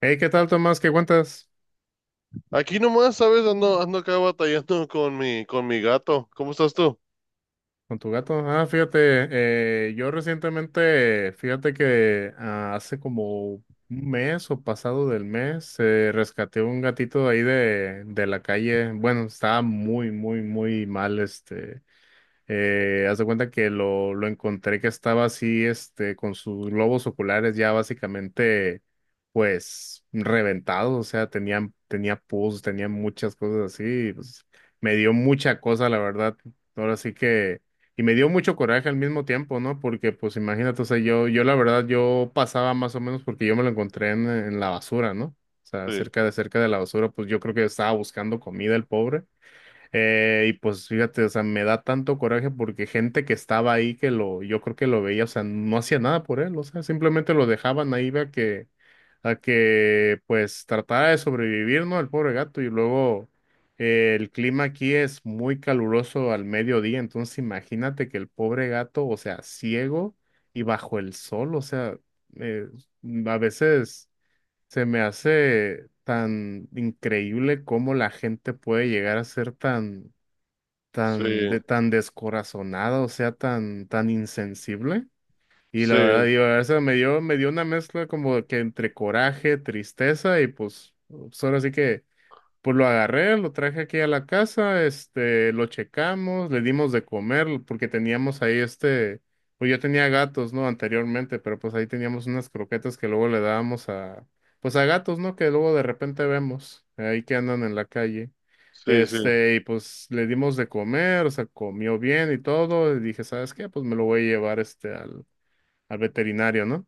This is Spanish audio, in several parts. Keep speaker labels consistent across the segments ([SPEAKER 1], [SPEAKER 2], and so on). [SPEAKER 1] Hey, ¿qué tal, Tomás? ¿Qué cuentas
[SPEAKER 2] Aquí nomás, ¿sabes? Ando, ando acá batallando con mi gato. ¿Cómo estás tú?
[SPEAKER 1] con tu gato? Ah, fíjate, yo recientemente, fíjate que hace como un mes o pasado del mes, rescaté un gatito de ahí de la calle. Bueno, estaba muy, muy, muy mal. Haz de cuenta que lo encontré que estaba así, con sus globos oculares ya básicamente, pues, reventados. O sea, tenía pus, tenía muchas cosas así, y, pues, me dio mucha cosa, la verdad, ahora sí que, y me dio mucho coraje al mismo tiempo, ¿no? Porque, pues, imagínate, o sea, yo la verdad, yo pasaba más o menos porque yo me lo encontré en la basura, ¿no? O sea,
[SPEAKER 2] Sí,
[SPEAKER 1] cerca de la basura, pues yo creo que estaba buscando comida el pobre. Y pues fíjate, o sea, me da tanto coraje porque gente que estaba ahí yo creo que lo veía, o sea, no hacía nada por él, o sea, simplemente lo dejaban ahí a que pues tratara de sobrevivir, ¿no? El pobre gato. Y luego el clima aquí es muy caluroso al mediodía. Entonces imagínate que el pobre gato, o sea, ciego y bajo el sol, o sea, eh, a veces. Se me hace tan increíble cómo la gente puede llegar a ser tan,
[SPEAKER 2] sí,
[SPEAKER 1] tan, tan descorazonada, o sea, tan, tan insensible. Y
[SPEAKER 2] sí,
[SPEAKER 1] la verdad, digo, a veces me dio una mezcla como que entre coraje, tristeza y pues, pues ahora sí que pues lo agarré, lo traje aquí a la casa, lo checamos, le dimos de comer, porque teníamos ahí pues yo tenía gatos, ¿no? Anteriormente, pero pues ahí teníamos unas croquetas que luego le dábamos a, pues a gatos, ¿no? Que luego de repente vemos, ahí que andan en la calle.
[SPEAKER 2] sí, sí,
[SPEAKER 1] Y pues le dimos de comer, o sea, comió bien y todo, y dije, ¿sabes qué? Pues me lo voy a llevar al veterinario, ¿no?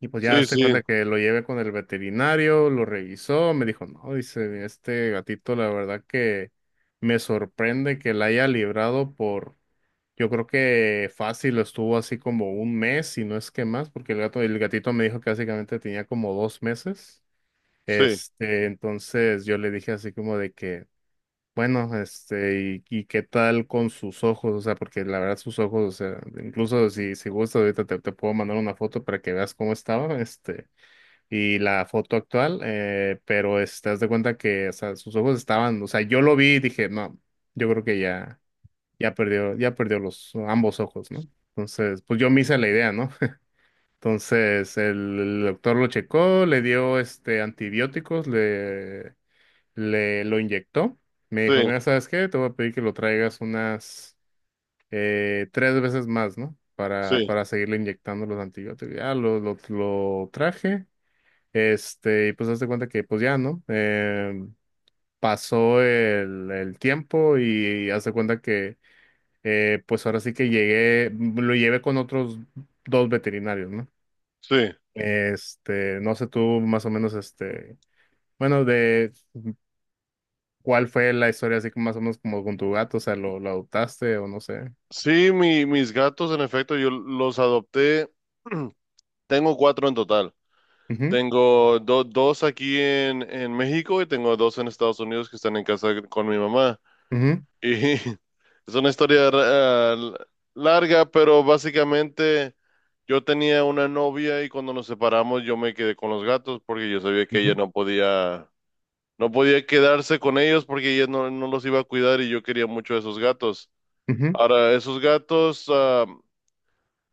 [SPEAKER 1] Y pues ya hazte
[SPEAKER 2] sí,
[SPEAKER 1] cuenta que lo llevé con el veterinario, lo revisó, me dijo, no, dice, este gatito, la verdad que me sorprende que la haya librado por, yo creo que fácil estuvo así como un mes, si no es que más, porque el gato, el gatito me dijo que básicamente tenía como dos meses.
[SPEAKER 2] sí,
[SPEAKER 1] Entonces yo le dije así como de que, bueno, y qué tal con sus ojos, o sea, porque la verdad sus ojos, o sea, incluso si gustas, ahorita te puedo mandar una foto para que veas cómo estaba, y la foto actual. Pero te das de cuenta que, o sea, sus ojos estaban, o sea, yo lo vi y dije, no, yo creo que ya perdió los ambos ojos, ¿no? Entonces, pues yo me hice la idea, ¿no? Entonces, el doctor lo checó, le dio antibióticos, le lo inyectó. Me
[SPEAKER 2] sí,
[SPEAKER 1] dijo,
[SPEAKER 2] sí,
[SPEAKER 1] mira, ¿sabes qué? Te voy a pedir que lo traigas unas tres veces más, ¿no?
[SPEAKER 2] sí,
[SPEAKER 1] Para seguirle inyectando los antibióticos. Ya lo traje. Y pues hazte cuenta que pues ya, ¿no? Pasó el tiempo y hazte cuenta que pues ahora sí que llegué, lo llevé con otros dos veterinarios, ¿no?
[SPEAKER 2] sí.
[SPEAKER 1] No sé tú más o menos, bueno, de cuál fue la historia así como más o menos como con tu gato, o sea, lo adoptaste o no sé.
[SPEAKER 2] Sí, mis gatos, en efecto, yo los adopté. Tengo cuatro en total.
[SPEAKER 1] Ujú,
[SPEAKER 2] Tengo dos aquí en México, y tengo dos en Estados Unidos que están en casa con mi mamá.
[SPEAKER 1] ujú,
[SPEAKER 2] Y es una historia larga, pero básicamente yo tenía una novia y cuando nos separamos yo me quedé con los gatos porque yo sabía que ella
[SPEAKER 1] ujú,
[SPEAKER 2] no podía, no podía quedarse con ellos, porque ella no, no los iba a cuidar, y yo quería mucho a esos gatos.
[SPEAKER 1] ujú,
[SPEAKER 2] Ahora, esos gatos, ah,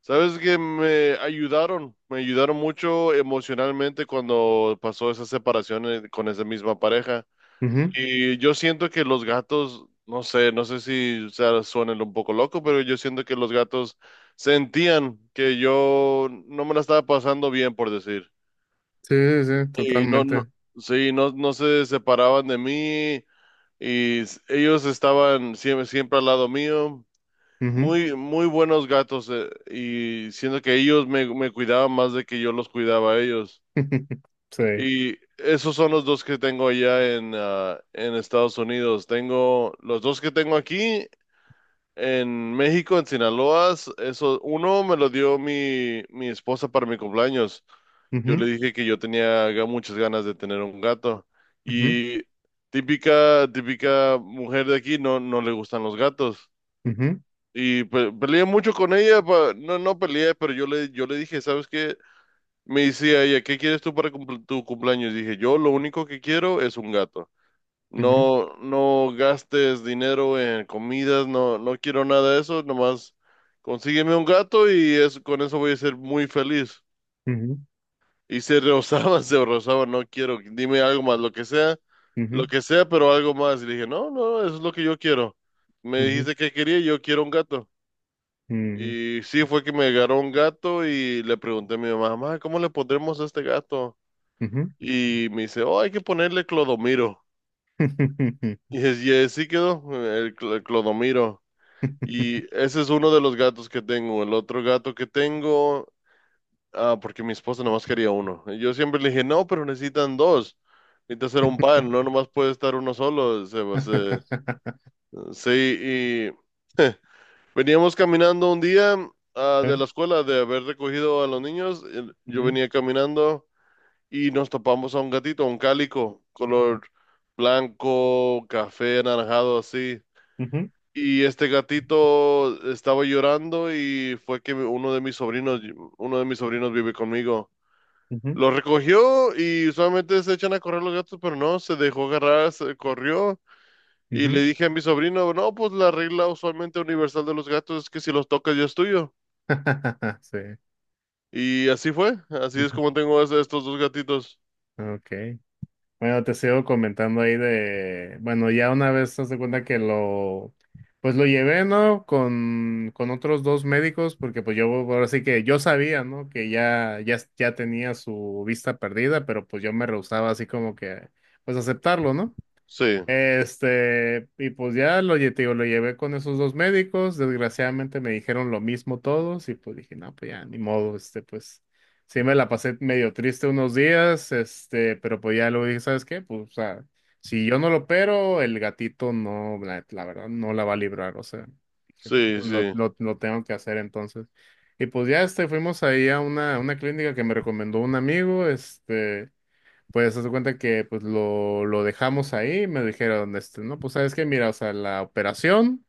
[SPEAKER 2] ¿sabes que me ayudaron, me ayudaron mucho emocionalmente cuando pasó esa separación, con esa misma pareja?
[SPEAKER 1] ujú.
[SPEAKER 2] Y yo siento que los gatos, no sé, no sé si, o sea, suenen un poco loco, pero yo siento que los gatos sentían que yo no me la estaba pasando bien, por decir.
[SPEAKER 1] Sí, sí, sí,
[SPEAKER 2] Y no, no,
[SPEAKER 1] totalmente.
[SPEAKER 2] sí, no, no se separaban de mí, y ellos estaban siempre, siempre al lado mío.
[SPEAKER 1] Ujú.
[SPEAKER 2] Muy, muy buenos gatos, y siento que ellos me cuidaban más de que yo los cuidaba a ellos.
[SPEAKER 1] Sí.
[SPEAKER 2] Y esos son los dos que tengo allá en, ah, en Estados Unidos. Tengo los dos que tengo aquí en México, en Sinaloa. Eso, uno me lo dio mi, mi esposa para mi cumpleaños. Yo
[SPEAKER 1] Ujú,
[SPEAKER 2] le dije que yo tenía muchas ganas de tener un gato.
[SPEAKER 1] ujú,
[SPEAKER 2] Y típica, típica mujer de aquí no, no le gustan los gatos.
[SPEAKER 1] ujú,
[SPEAKER 2] Y peleé mucho con ella, no, no peleé, pero yo le dije, ¿sabes qué? Me decía ella, ¿qué quieres tú para tu cumpleaños? Dije, yo lo único que quiero es un gato.
[SPEAKER 1] ujú,
[SPEAKER 2] No, no gastes dinero en comidas, no, no quiero nada de eso, nomás consígueme un gato y es, con eso voy a ser muy feliz.
[SPEAKER 1] ujú,
[SPEAKER 2] Y se rozaba, se rozaba, no quiero, dime algo más,
[SPEAKER 1] ujú, ujú.
[SPEAKER 2] lo que sea, pero algo más. Y le dije, no, no, eso es lo que yo quiero. Me
[SPEAKER 1] Ujú,
[SPEAKER 2] dijiste que quería, yo quiero un gato.
[SPEAKER 1] mm,
[SPEAKER 2] Y sí, fue que me agarró un gato y le pregunté a mi mamá, mamá, ¿cómo le pondremos a este gato?
[SPEAKER 1] ujú.
[SPEAKER 2] Y me dice, oh, hay que ponerle Clodomiro. Y y así quedó, el, el Clodomiro. Y ese es uno de los gatos que tengo. El otro gato que tengo, ah, porque mi esposa nomás quería uno. Y yo siempre le dije, no, pero necesitan dos. Necesitas hacer un par, no nomás puede estar uno solo. Sí, y veníamos caminando un día, ah,
[SPEAKER 1] ¿Eh?
[SPEAKER 2] de la escuela, de haber recogido a los niños. Y yo
[SPEAKER 1] Ujú,
[SPEAKER 2] venía caminando. Y nos topamos a un gatito, un cálico, color blanco, café, anaranjado, así.
[SPEAKER 1] ujú,
[SPEAKER 2] Y este gatito estaba llorando y fue que uno de mis sobrinos vive conmigo.
[SPEAKER 1] ujú,
[SPEAKER 2] Lo recogió y usualmente se echan a correr los gatos, pero no, se dejó agarrar, se corrió. Y le
[SPEAKER 1] ujú.
[SPEAKER 2] dije a mi sobrino, no, pues la regla usualmente universal de los gatos es que si los tocas ya es tuyo.
[SPEAKER 1] Sí.
[SPEAKER 2] Y así fue, así es
[SPEAKER 1] Ujú.
[SPEAKER 2] como tengo estos dos gatitos.
[SPEAKER 1] Okay. Bueno, te sigo comentando ahí de, bueno, ya una vez te das cuenta que pues lo llevé, ¿no? Con otros dos médicos, porque pues yo, ahora sí que yo sabía, ¿no? Que ya tenía su vista perdida, pero pues yo me rehusaba así como que, pues aceptarlo, ¿no?
[SPEAKER 2] Sí,
[SPEAKER 1] Y pues ya te digo, lo llevé con esos dos médicos, desgraciadamente me dijeron lo mismo todos y pues dije, no, pues ya, ni modo, pues sí me la pasé medio triste unos días, pero pues ya luego dije, ¿sabes qué? Pues, o sea, si yo no lo opero, el gatito no, la verdad, no la va a librar, o sea, dije, "No,
[SPEAKER 2] sí,
[SPEAKER 1] pues,
[SPEAKER 2] sí.
[SPEAKER 1] lo tengo que hacer entonces." Y pues ya, fuimos ahí a una clínica que me recomendó un amigo. Pues haz de cuenta que pues lo dejamos ahí, me dijeron, no, pues sabes que mira, o sea, la operación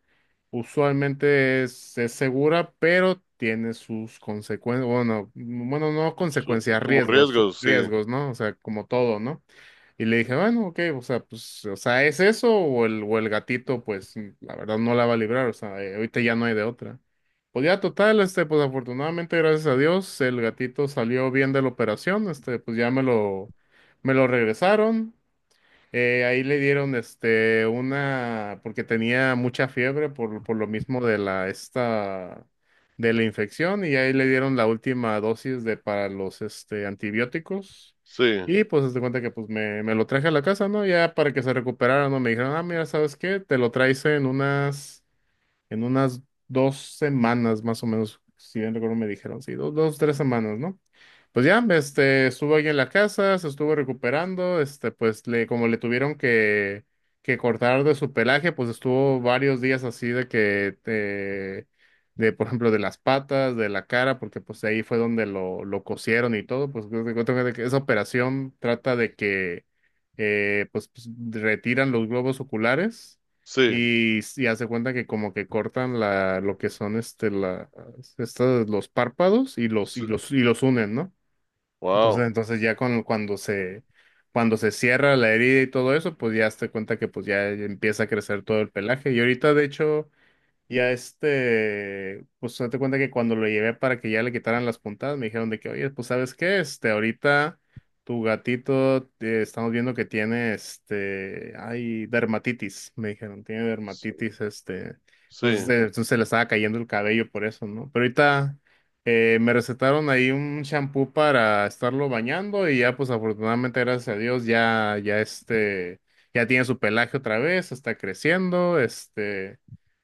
[SPEAKER 1] usualmente es segura, pero tiene sus consecuencias, bueno, bueno, no consecuencias,
[SPEAKER 2] Como
[SPEAKER 1] riesgos,
[SPEAKER 2] riesgos, sí,
[SPEAKER 1] riesgos, ¿no? O sea, como todo, ¿no? Y le dije, bueno, ok, o sea, pues, o sea, ¿es eso o el gatito, pues, la verdad no la va a librar? O sea, ahorita ya no hay de otra. Pues ya total, pues afortunadamente, gracias a Dios, el gatito salió bien de la operación. Pues ya me lo regresaron. Ahí le dieron una, porque tenía mucha fiebre por lo mismo de la esta de la infección, y ahí le dieron la última dosis de para los antibióticos.
[SPEAKER 2] sí,
[SPEAKER 1] Y pues se cuenta que pues me lo traje a la casa, ¿no? Ya para que se recuperara, ¿no? Me dijeron, ah, mira, ¿sabes qué? Te lo traes en unas, en unas dos semanas más o menos, si bien recuerdo me dijeron, sí, dos, tres semanas, ¿no? Pues ya, estuvo ahí en la casa, se estuvo recuperando, pues le, como le tuvieron que cortar de su pelaje, pues estuvo varios días así de que, de, por ejemplo, de las patas, de la cara, porque pues ahí fue donde lo cosieron y todo. Pues te cuento que de que esa operación trata de que, pues, pues, retiran los globos oculares
[SPEAKER 2] sí,
[SPEAKER 1] y hace cuenta que como que cortan la, lo que son, los párpados y los, y
[SPEAKER 2] sí,
[SPEAKER 1] los, y los unen, ¿no? Entonces,
[SPEAKER 2] wow,
[SPEAKER 1] entonces ya cuando se cierra la herida y todo eso, pues ya te cuenta que pues ya empieza a crecer todo el pelaje. Y ahorita, de hecho, pues date cuenta que cuando lo llevé para que ya le quitaran las puntadas, me dijeron de que, oye, pues ¿sabes qué? Ahorita tu gatito, estamos viendo que tiene, hay dermatitis, me dijeron, tiene
[SPEAKER 2] sí,
[SPEAKER 1] dermatitis,
[SPEAKER 2] sí,
[SPEAKER 1] entonces se le estaba cayendo el cabello por eso, ¿no? Pero ahorita me recetaron ahí un shampoo para estarlo bañando y ya, pues afortunadamente, gracias a Dios, ya, ya ya tiene su pelaje otra vez, está creciendo.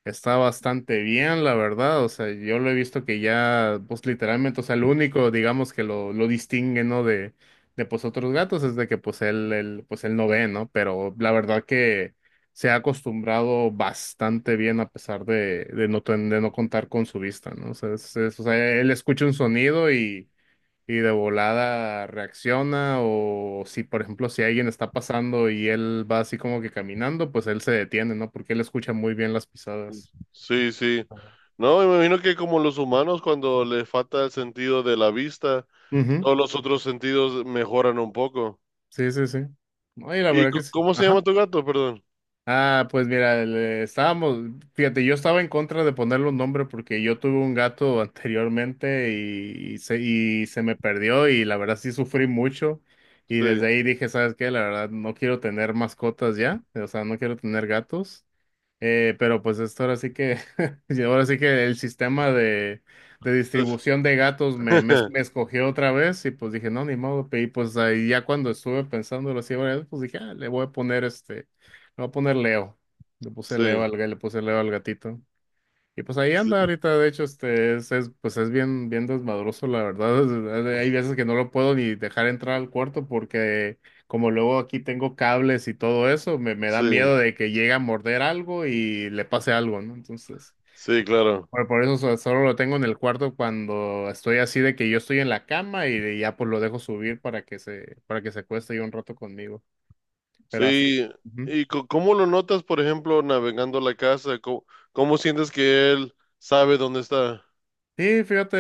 [SPEAKER 1] Está bastante bien, la verdad. O sea, yo lo he visto que ya, pues literalmente, o sea, lo único, digamos, que lo distingue, ¿no? De pues otros gatos es de que pues él, pues él no ve, ¿no? Pero la verdad que se ha acostumbrado bastante bien a pesar de no contar con su vista, ¿no? O sea, o sea, él escucha un sonido y de volada reacciona. O si, por ejemplo, si alguien está pasando y él va así como que caminando, pues él se detiene, ¿no? Porque él escucha muy bien las pisadas.
[SPEAKER 2] sí, sí. No, me imagino que como los humanos, cuando les falta el sentido de la vista,
[SPEAKER 1] Ujú.
[SPEAKER 2] todos los otros sentidos mejoran un poco.
[SPEAKER 1] Sí, sí, sí. Ay, la
[SPEAKER 2] ¿Y
[SPEAKER 1] verdad que sí.
[SPEAKER 2] cómo se llama
[SPEAKER 1] Ajá.
[SPEAKER 2] tu gato? Perdón.
[SPEAKER 1] Ah, pues mira, estábamos, fíjate, yo estaba en contra de ponerle un nombre porque yo tuve un gato anteriormente y se me perdió y la verdad sí sufrí mucho y
[SPEAKER 2] Sí,
[SPEAKER 1] desde ahí dije, ¿sabes qué? La verdad no quiero tener mascotas ya, o sea, no quiero tener gatos. Pero pues esto ahora sí que, y ahora sí que el sistema de
[SPEAKER 2] es-
[SPEAKER 1] distribución de gatos me, me, me escogió otra vez y pues dije, no, ni modo, y pues ahí ya cuando estuve pensándolo así, varias veces, pues dije, "Ah, le voy a poner este, le voy a poner Leo." Le puse
[SPEAKER 2] sí,
[SPEAKER 1] Leo al gatito. Y pues ahí
[SPEAKER 2] sí,
[SPEAKER 1] anda ahorita, de hecho, este es, pues es bien, bien desmadroso, la verdad. Hay veces que no lo puedo ni dejar entrar al cuarto porque como luego aquí tengo cables y todo eso, me da
[SPEAKER 2] sí,
[SPEAKER 1] miedo de que llegue a morder algo y le pase algo, ¿no? Entonces,
[SPEAKER 2] sí, claro.
[SPEAKER 1] por eso solo lo tengo en el cuarto cuando estoy así de que yo estoy en la cama ya pues lo dejo subir para que se, acueste ahí un rato conmigo. Pero así.
[SPEAKER 2] Sí, ¿y cómo lo notas, por ejemplo, navegando la casa? Cómo sientes que él sabe dónde está?
[SPEAKER 1] Sí, fíjate,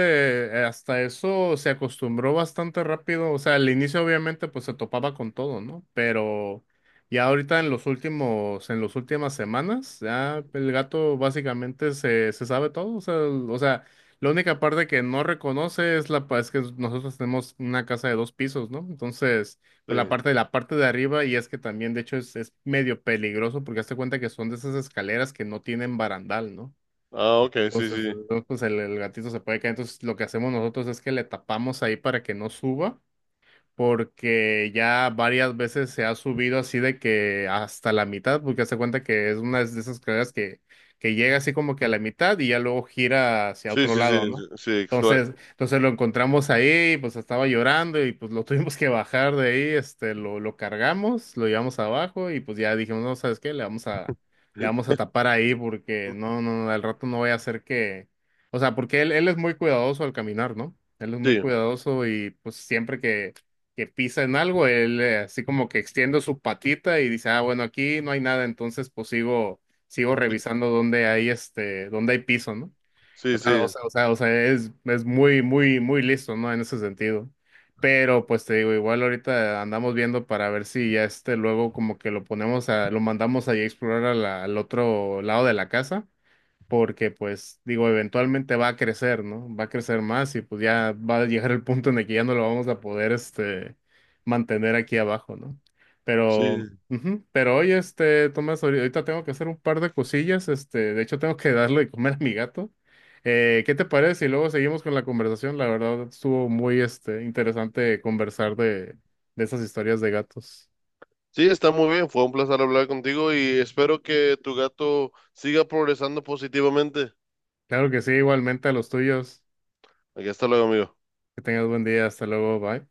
[SPEAKER 1] hasta eso se acostumbró bastante rápido. O sea, al inicio obviamente pues se topaba con todo, ¿no? Pero ya ahorita en los últimos, en las últimas semanas, ya el gato básicamente se sabe todo. O sea, o sea, la única parte que no reconoce es es que nosotros tenemos una casa de dos pisos, ¿no? Entonces, por la
[SPEAKER 2] Sí.
[SPEAKER 1] parte de la parte de arriba, y es que también, de hecho, es medio peligroso porque hazte cuenta que son de esas escaleras que no tienen barandal, ¿no?
[SPEAKER 2] Ah, ok, sí,
[SPEAKER 1] Entonces,
[SPEAKER 2] sí.
[SPEAKER 1] ¿no? Pues el gatito se puede caer. Entonces, lo que hacemos nosotros es que le tapamos ahí para que no suba porque ya varias veces se ha subido así de que hasta la mitad, porque hace cuenta que es una de esas escaleras que llega así como que a la mitad y ya luego gira hacia
[SPEAKER 2] Sí,
[SPEAKER 1] otro
[SPEAKER 2] sí, sí,
[SPEAKER 1] lado, ¿no?
[SPEAKER 2] sí, sí,
[SPEAKER 1] Entonces lo encontramos ahí, pues estaba llorando y pues lo tuvimos que bajar de ahí, lo cargamos, lo llevamos abajo y pues ya dijimos, no, ¿sabes qué? Le vamos a tapar ahí porque no, no, no, al rato no voy a hacer que, o sea, porque él es muy cuidadoso al caminar, ¿no? Él es muy
[SPEAKER 2] sí,
[SPEAKER 1] cuidadoso y pues siempre que pisa en algo, él así como que extiende su patita y dice, ah, bueno, aquí no hay nada, entonces pues sigo revisando dónde hay dónde hay piso, ¿no? O
[SPEAKER 2] sí,
[SPEAKER 1] sea,
[SPEAKER 2] sí,
[SPEAKER 1] o sea, o sea, o sea, es muy, muy, muy listo, ¿no? En ese sentido. Pero pues te digo, igual ahorita andamos viendo para ver si ya luego como que lo mandamos ahí a explorar a al otro lado de la casa, porque pues digo, eventualmente va a crecer, ¿no? Va a crecer más y pues ya va a llegar el punto en el que ya no lo vamos a poder mantener aquí abajo, ¿no?
[SPEAKER 2] sí,
[SPEAKER 1] Pero ujú. Pero hoy, Tomás, ahorita tengo que hacer un par de cosillas. De hecho tengo que darle de comer a mi gato. ¿Qué te parece si luego seguimos con la conversación? La verdad, estuvo muy, interesante conversar de esas historias de gatos.
[SPEAKER 2] sí, está muy bien. Fue un placer hablar contigo y espero que tu gato siga progresando positivamente.
[SPEAKER 1] Claro que sí, igualmente a los tuyos.
[SPEAKER 2] Aquí hasta luego, amigo.
[SPEAKER 1] Que tengas buen día. Hasta luego. Bye.